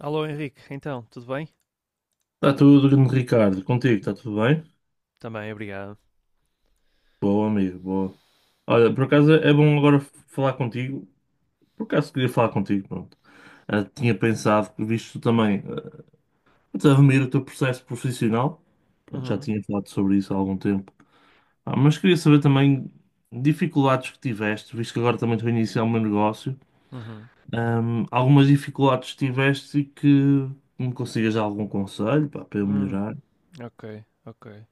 Alô Henrique, então, tudo bem? Está tudo, grande Ricardo. Contigo, está tudo bem? Também, obrigado. Boa, amigo, boa. Olha, por acaso é bom agora falar contigo. Por acaso queria falar contigo, pronto. Ah, tinha pensado que visto tu também a ver o teu processo profissional. Pronto, já Uhum, tinha falado sobre isso há algum tempo. Ah, mas queria saber também dificuldades que tiveste, visto que agora também estou a iniciar o meu negócio. uhum. Algumas dificuldades que tiveste e que me consigas dar algum conselho pá, para eu Hum, melhorar. ok, ok.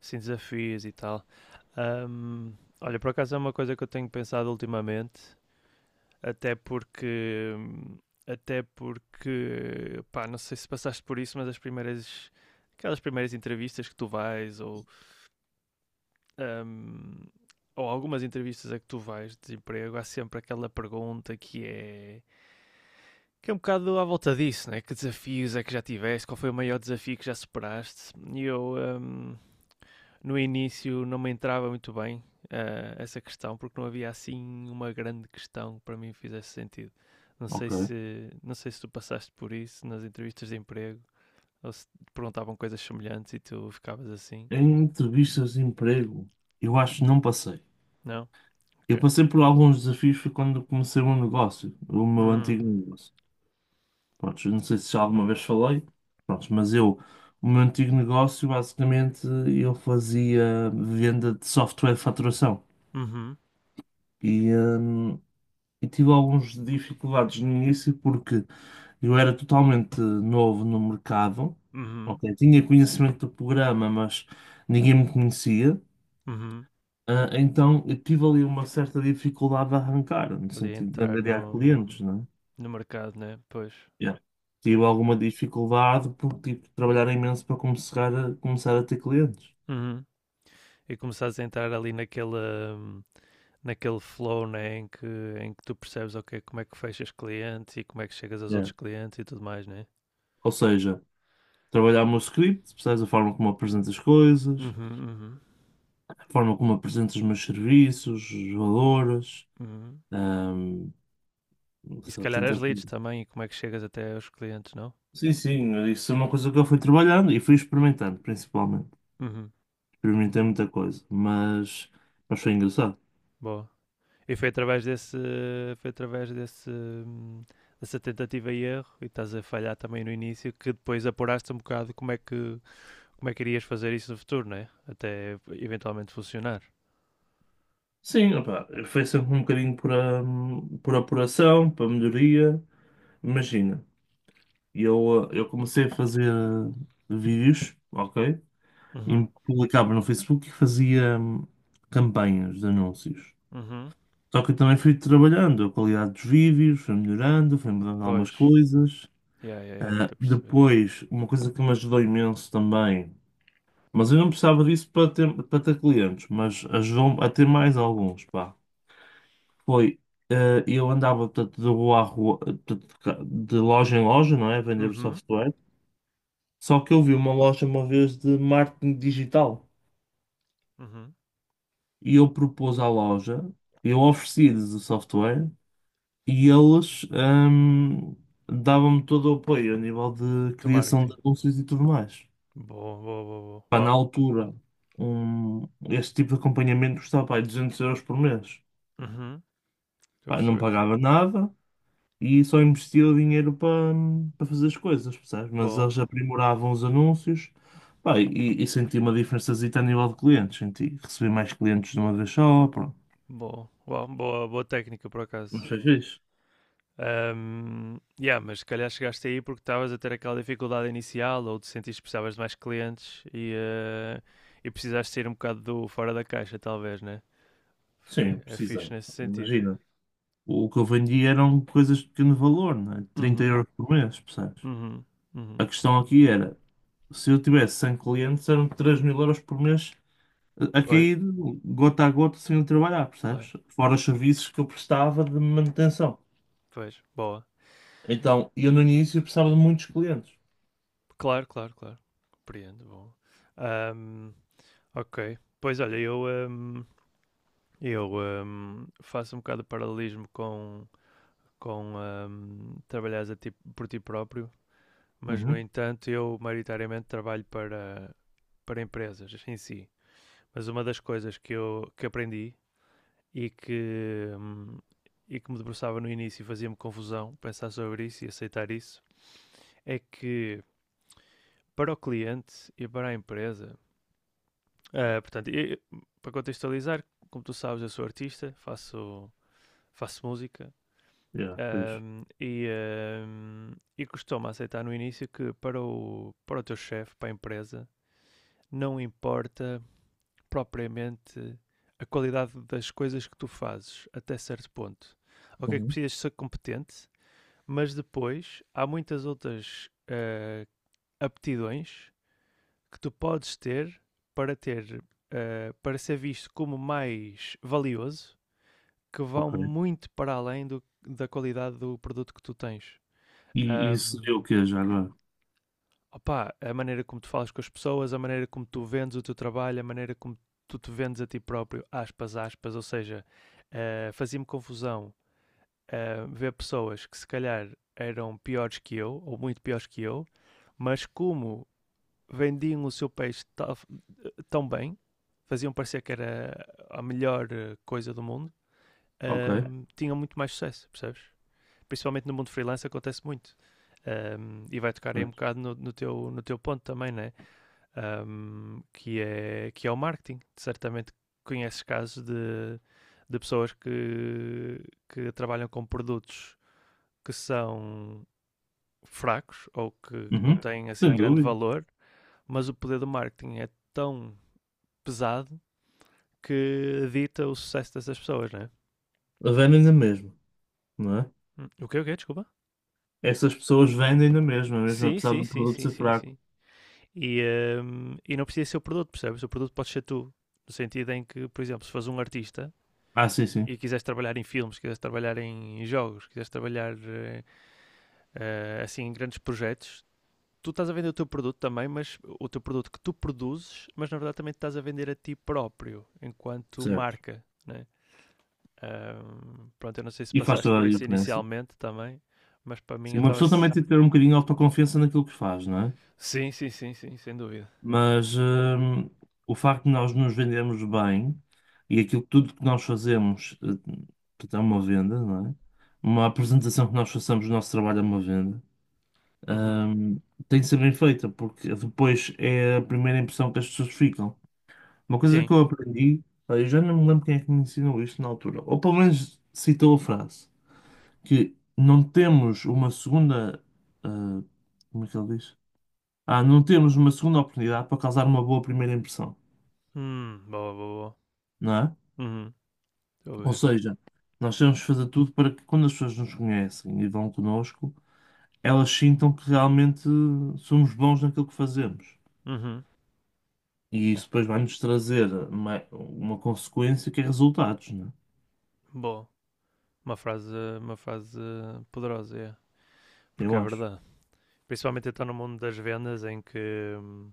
Sim, desafios e tal. Ahm, olha, por acaso é uma coisa que eu tenho pensado ultimamente, até porque, até porque, pá, não sei se passaste por isso, mas as primeiras, aquelas primeiras entrevistas que tu vais, ahm, ou algumas entrevistas a que tu vais de emprego, há sempre aquela pergunta que é que é um bocado à volta disso, né? Que desafios é que já tiveste? Qual foi o maior desafio que já superaste? E eu, no início, não me entrava muito bem essa questão, porque não havia assim uma grande questão que para mim fizesse sentido. Ok. Não sei se tu passaste por isso nas entrevistas de emprego, ou se te perguntavam coisas semelhantes e tu ficavas assim. Em entrevistas de emprego, eu acho que não passei. Não? Eu Ok. passei por alguns desafios foi quando comecei um negócio, o meu antigo Hum. negócio. Pronto, eu não sei se já alguma vez falei, pronto, mas eu, o meu antigo negócio, basicamente, eu fazia venda de software de faturação. Uhum. E, hum, e tive algumas dificuldades no início porque eu era totalmente novo no mercado, Uhum. ok? Tinha conhecimento do programa, mas ninguém me conhecia. Uhum. Ah, então eu tive ali uma certa dificuldade de arrancar, no Ali sentido de entrar angariar no, clientes, né? no mercado, né? Pois, Yeah. Tive pois. alguma dificuldade por tipo, trabalhar imenso para começar a ter clientes. Uhum. E começares a entrar ali naquela, naquele flow, né? Em, que, em que tu percebes ok, como é que fechas clientes e como é que chegas aos Yeah. outros clientes e tudo mais, né? Ou seja, trabalhar o meu script, percebes a forma como apresento as coisas, Uhum, uhum, a forma como apresento os meus serviços, os valores, uhum. ahm, não E se sei, lá, calhar as tanta coisa. leads também e como é que chegas até aos clientes, não? Sim, sim, isso é uma coisa que eu fui trabalhando e fui experimentando, principalmente. Uhum. Experimentei bo- muita coisa, mas foi engraçado. Boa. E foi através desse, foi através desse, dessa tentativa e erro e estás a falhar também no início que depois apuraste um bocado como é que irias fazer isso no futuro, né? Até eventualmente funcionar. Sim, opá, foi sempre um bocadinho por apuração, para melhoria. Imagina, eu, eu comecei a fazer vídeos, ok? Uhum. E publicava no Facebook e fazia campanhas de anúncios. Uhum. Só que eu também fui trabalhando, a qualidade dos vídeos foi melhorando, foi mudando algumas Pois. coisas. Yeah, yeah, yeah, Ah, estou a perceber. depois, uma coisa que me ajudou imenso também, mas eu não precisava disso para ter clientes, mas ajudou-me a ter mais alguns, pá. Foi, eu andava portanto, de rua a rua, portanto, de loja em loja, não é? A vender o Uhum. software. Só que eu vi uma loja uma vez de marketing digital Uhum. e eu propus à loja, eu ofereci-lhes o software e eles davam-me todo o apoio a nível de Do criação de marketing. anúncios e tudo mais. Boa, boa, boa, boa. Pá, na Uau. altura, este tipo de acompanhamento custava pá, 200 euros por mês. Uhum. Estou a Pá, não perceber. pagava nada. E só investia o dinheiro para fazer as coisas, percebes? Mas Boa. eles aprimoravam os anúncios, pá, e senti uma diferençazita a nível de clientes, senti, recebi mais clientes de uma vez só, pronto, Boa. Uau, boa, boa técnica, por mas acaso. foi fixe. Yeah, mas se calhar chegaste aí porque estavas a ter aquela dificuldade inicial ou te sentiste que precisavas de mais clientes e, e precisaste sair um bocado do fora da caixa, talvez, né? Foi, Sim, é precisei, fixe nesse sentido. imagina. O que eu vendia eram coisas de pequeno valor, né? Trinta Uhum, euros por mês, percebes? uhum, uhum. A questão aqui era, se eu tivesse 100 clientes, eram 3.000 euros por mês a Pois, cair gota a gota sem eu trabalhar, claro. percebes? Fora os serviços que eu prestava de manutenção. Pois, boa. Então, eu no início precisava de muitos clientes. Claro, claro, claro. Compreendo, bom. Ahm, ok. Pois olha, eu faço um bocado de paralelismo com por ti próprio, mas no Uhum. entanto eu maioritariamente trabalho para, para empresas em si. Mas uma das coisas que eu que aprendi e e que me debruçava no início e fazia-me confusão pensar sobre isso e aceitar isso, é que para o cliente e para a empresa Eh, portanto, eu- para contextualizar, como tu sabes, eu sou artista, faço, faço música, Yeah, pois. E costumo aceitar no início que para o, para o teu chefe, para a empresa, não importa propriamente a qualidade das coisas que tu fazes, até certo ponto. O que é que Uhum. precisas ser competente, mas depois há muitas outras aptidões que tu podes ter para ter para ser visto como mais valioso, que vão Ok. muito para além da qualidade do produto que tu tens. E isso Ahm, seria o que já agora? opá, a maneira como tu falas com as pessoas, a maneira como tu vendes o teu trabalho, a maneira como tu te vendes a ti próprio, aspas, aspas, ou seja, fazia-me confusão ver pessoas que se calhar eram piores que eu, ou muito piores que eu, mas como vendiam o seu peixe tão bem, faziam parecer que era a melhor coisa do mundo, Ok, tinham muito mais sucesso, percebes? Principalmente no mundo freelance acontece muito. E vai tocar aí um pois. bocado no, no teu, no teu ponto também, né? Que é o marketing. Certamente conheces casos de pessoas que trabalham com produtos que são fracos ou que não Uhum. têm assim Sem grande dúvida. valor, mas o poder do marketing é tão pesado que dita o sucesso dessas pessoas, não é? Vendem na mesma, não é? O quê, o quê? Desculpa? Essas pessoas vendem na mesma, mesmo Sim, apesar sim, do sim, produto sim, ser sim, fraco. sim. E e não precisa ser o produto, percebes? O produto pode ser tu. No sentido em que, por exemplo, se fores um artista Ah, sim, sim. e quiseres trabalhar em filmes, quiseres trabalhar em jogos, quiseres trabalhar assim em grandes projetos, tu estás a vender o teu produto também, mas o teu produto que tu produzes, mas na verdade também te estás a vender a ti próprio, enquanto Certo. marca, né? Pronto, eu não sei se E faz passaste toda por a isso diferença. inicialmente também, mas para mim Sim, eu uma estava. pessoa também tem que ter um bocadinho de autoconfiança naquilo que faz, não é? Sim, sim, sim, sim, sem dúvida. Mas o facto de nós nos vendermos bem e aquilo que tudo que nós fazemos, portanto, é uma venda, não é? Uma apresentação que nós façamos do nosso trabalho é uma venda, Uhum. hum, tem de ser bem feita, porque depois é a primeira impressão que as pessoas ficam. Uma coisa Sim. que eu aprendi, pá, eu já não me lembro quem é que me ensinou isto na altura, ou pelo menos citou a frase, que não temos uma segunda. ah, Como é que ele diz? Ah, não temos uma segunda oportunidade para causar uma boa primeira impressão. Boa, boa, Não é? boa. Uhum. Estou a Ou ver. seja, nós temos que fazer tudo para que quando as pessoas nos conhecem e vão connosco, elas sintam que realmente somos bons naquilo que fazemos. Uhum. E Yeah. isso depois vai-nos trazer uma consequência que é resultados, não é? Boa. Uma frase poderosa, é. Porque Eu é acho. verdade. Principalmente então no mundo das vendas em que,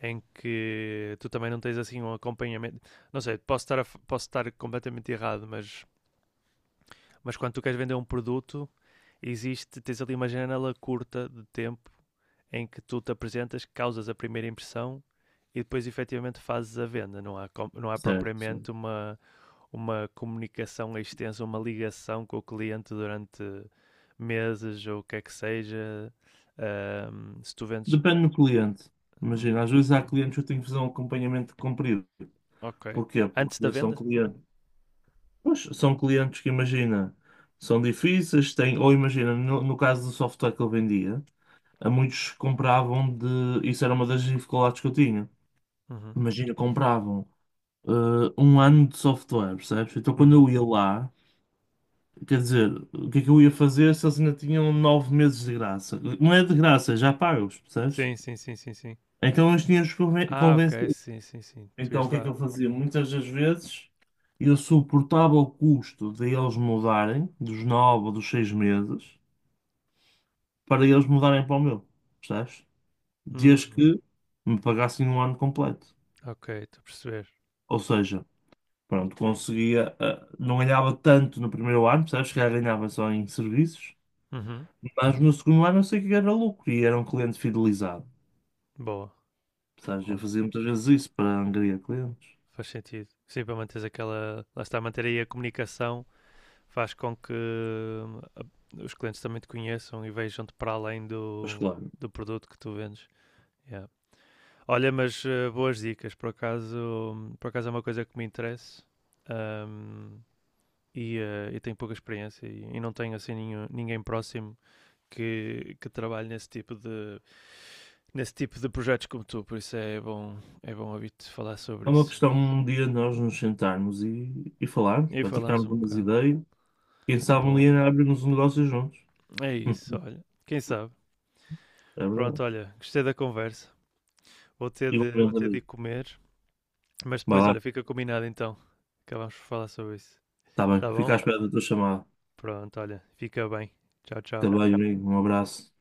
em que tu também não tens assim um acompanhamento. Não sei, posso estar, posso estar completamente errado, mas quando tu queres vender um produto, existe, tens ali uma janela curta de tempo em que tu te apresentas, causas a primeira impressão e depois efetivamente fazes a venda. Não há, não há Certo, certo. propriamente uma comunicação extensa, uma ligação com o cliente durante meses ou o que é que seja. Se tu vendes. Depende do cliente. hum, Imagina, às vezes há clientes que eu tenho que fazer um acompanhamento comprido. ok. Porquê? Antes da Porque são venda? clientes. Pois, são clientes que, imagina, são difíceis, têm, ou imagina, no caso do software que eu vendia. A muitos compravam de. Isso era uma das dificuldades que eu tinha. Uhum. Imagina, compravam eh, um ano de software, percebes? Então quando Uhum. eu ia lá, quer dizer, o que é que eu ia fazer se eles ainda tinham 9 meses de graça? Não é de graça, é já pagos, percebes? Sim, sim, sim, sim, sim. Então eles tinham-os Ah, ok, convencido. sim, sim, sim. Tu Então ias o que é que lá. eu fazia? Muitas das vezes eu suportava o custo de eles mudarem, dos 9 ou dos 6 meses, para eles mudarem para o meu, percebes? Desde Hum, que me pagassem um ano completo. ok, estou a perceber. Ou seja, pronto, conseguia, ah, não ganhava tanto no primeiro ano, percebes? Se calhar ganhava só em serviços, Uhum. mas no segundo ano eu sei que era lucro e era um cliente fidelizado, Boa, percebes? Eu boa. fazia muitas vezes isso para angariar clientes. Faz sentido. Sim, para manteres aquela. Lá está, manter aí a comunicação faz com que os clientes também te conheçam e vejam-te para além Mas do, claro, do produto que tu vendes. Yeah. Olha, mas boas dicas, por acaso é uma coisa que me interessa, ahm, eu tenho pouca experiência e não tenho assim ninguém próximo que trabalhe nesse tipo de projetos como tu, por isso é bom ouvir-te falar sobre é uma isso. questão um dia nós nos sentarmos e falarmos, E para falamos trocarmos um umas bocado. ideias. Quem sabe um Bom, dia abrirmos um negócio juntos. é isso, Hum. olha. Quem sabe? É verdade. Pronto, olha, gostei da conversa. Vou Igualmente, ter de ir amigo. comer, mas Vai depois, lá, olha, fica combinado então. Acabamos por falar sobre isso. está bem. Tá Fica bom? à espera da tua chamada. Pronto, olha, fica bem. Tchau, Fica tchau. bem, amigo. Um abraço.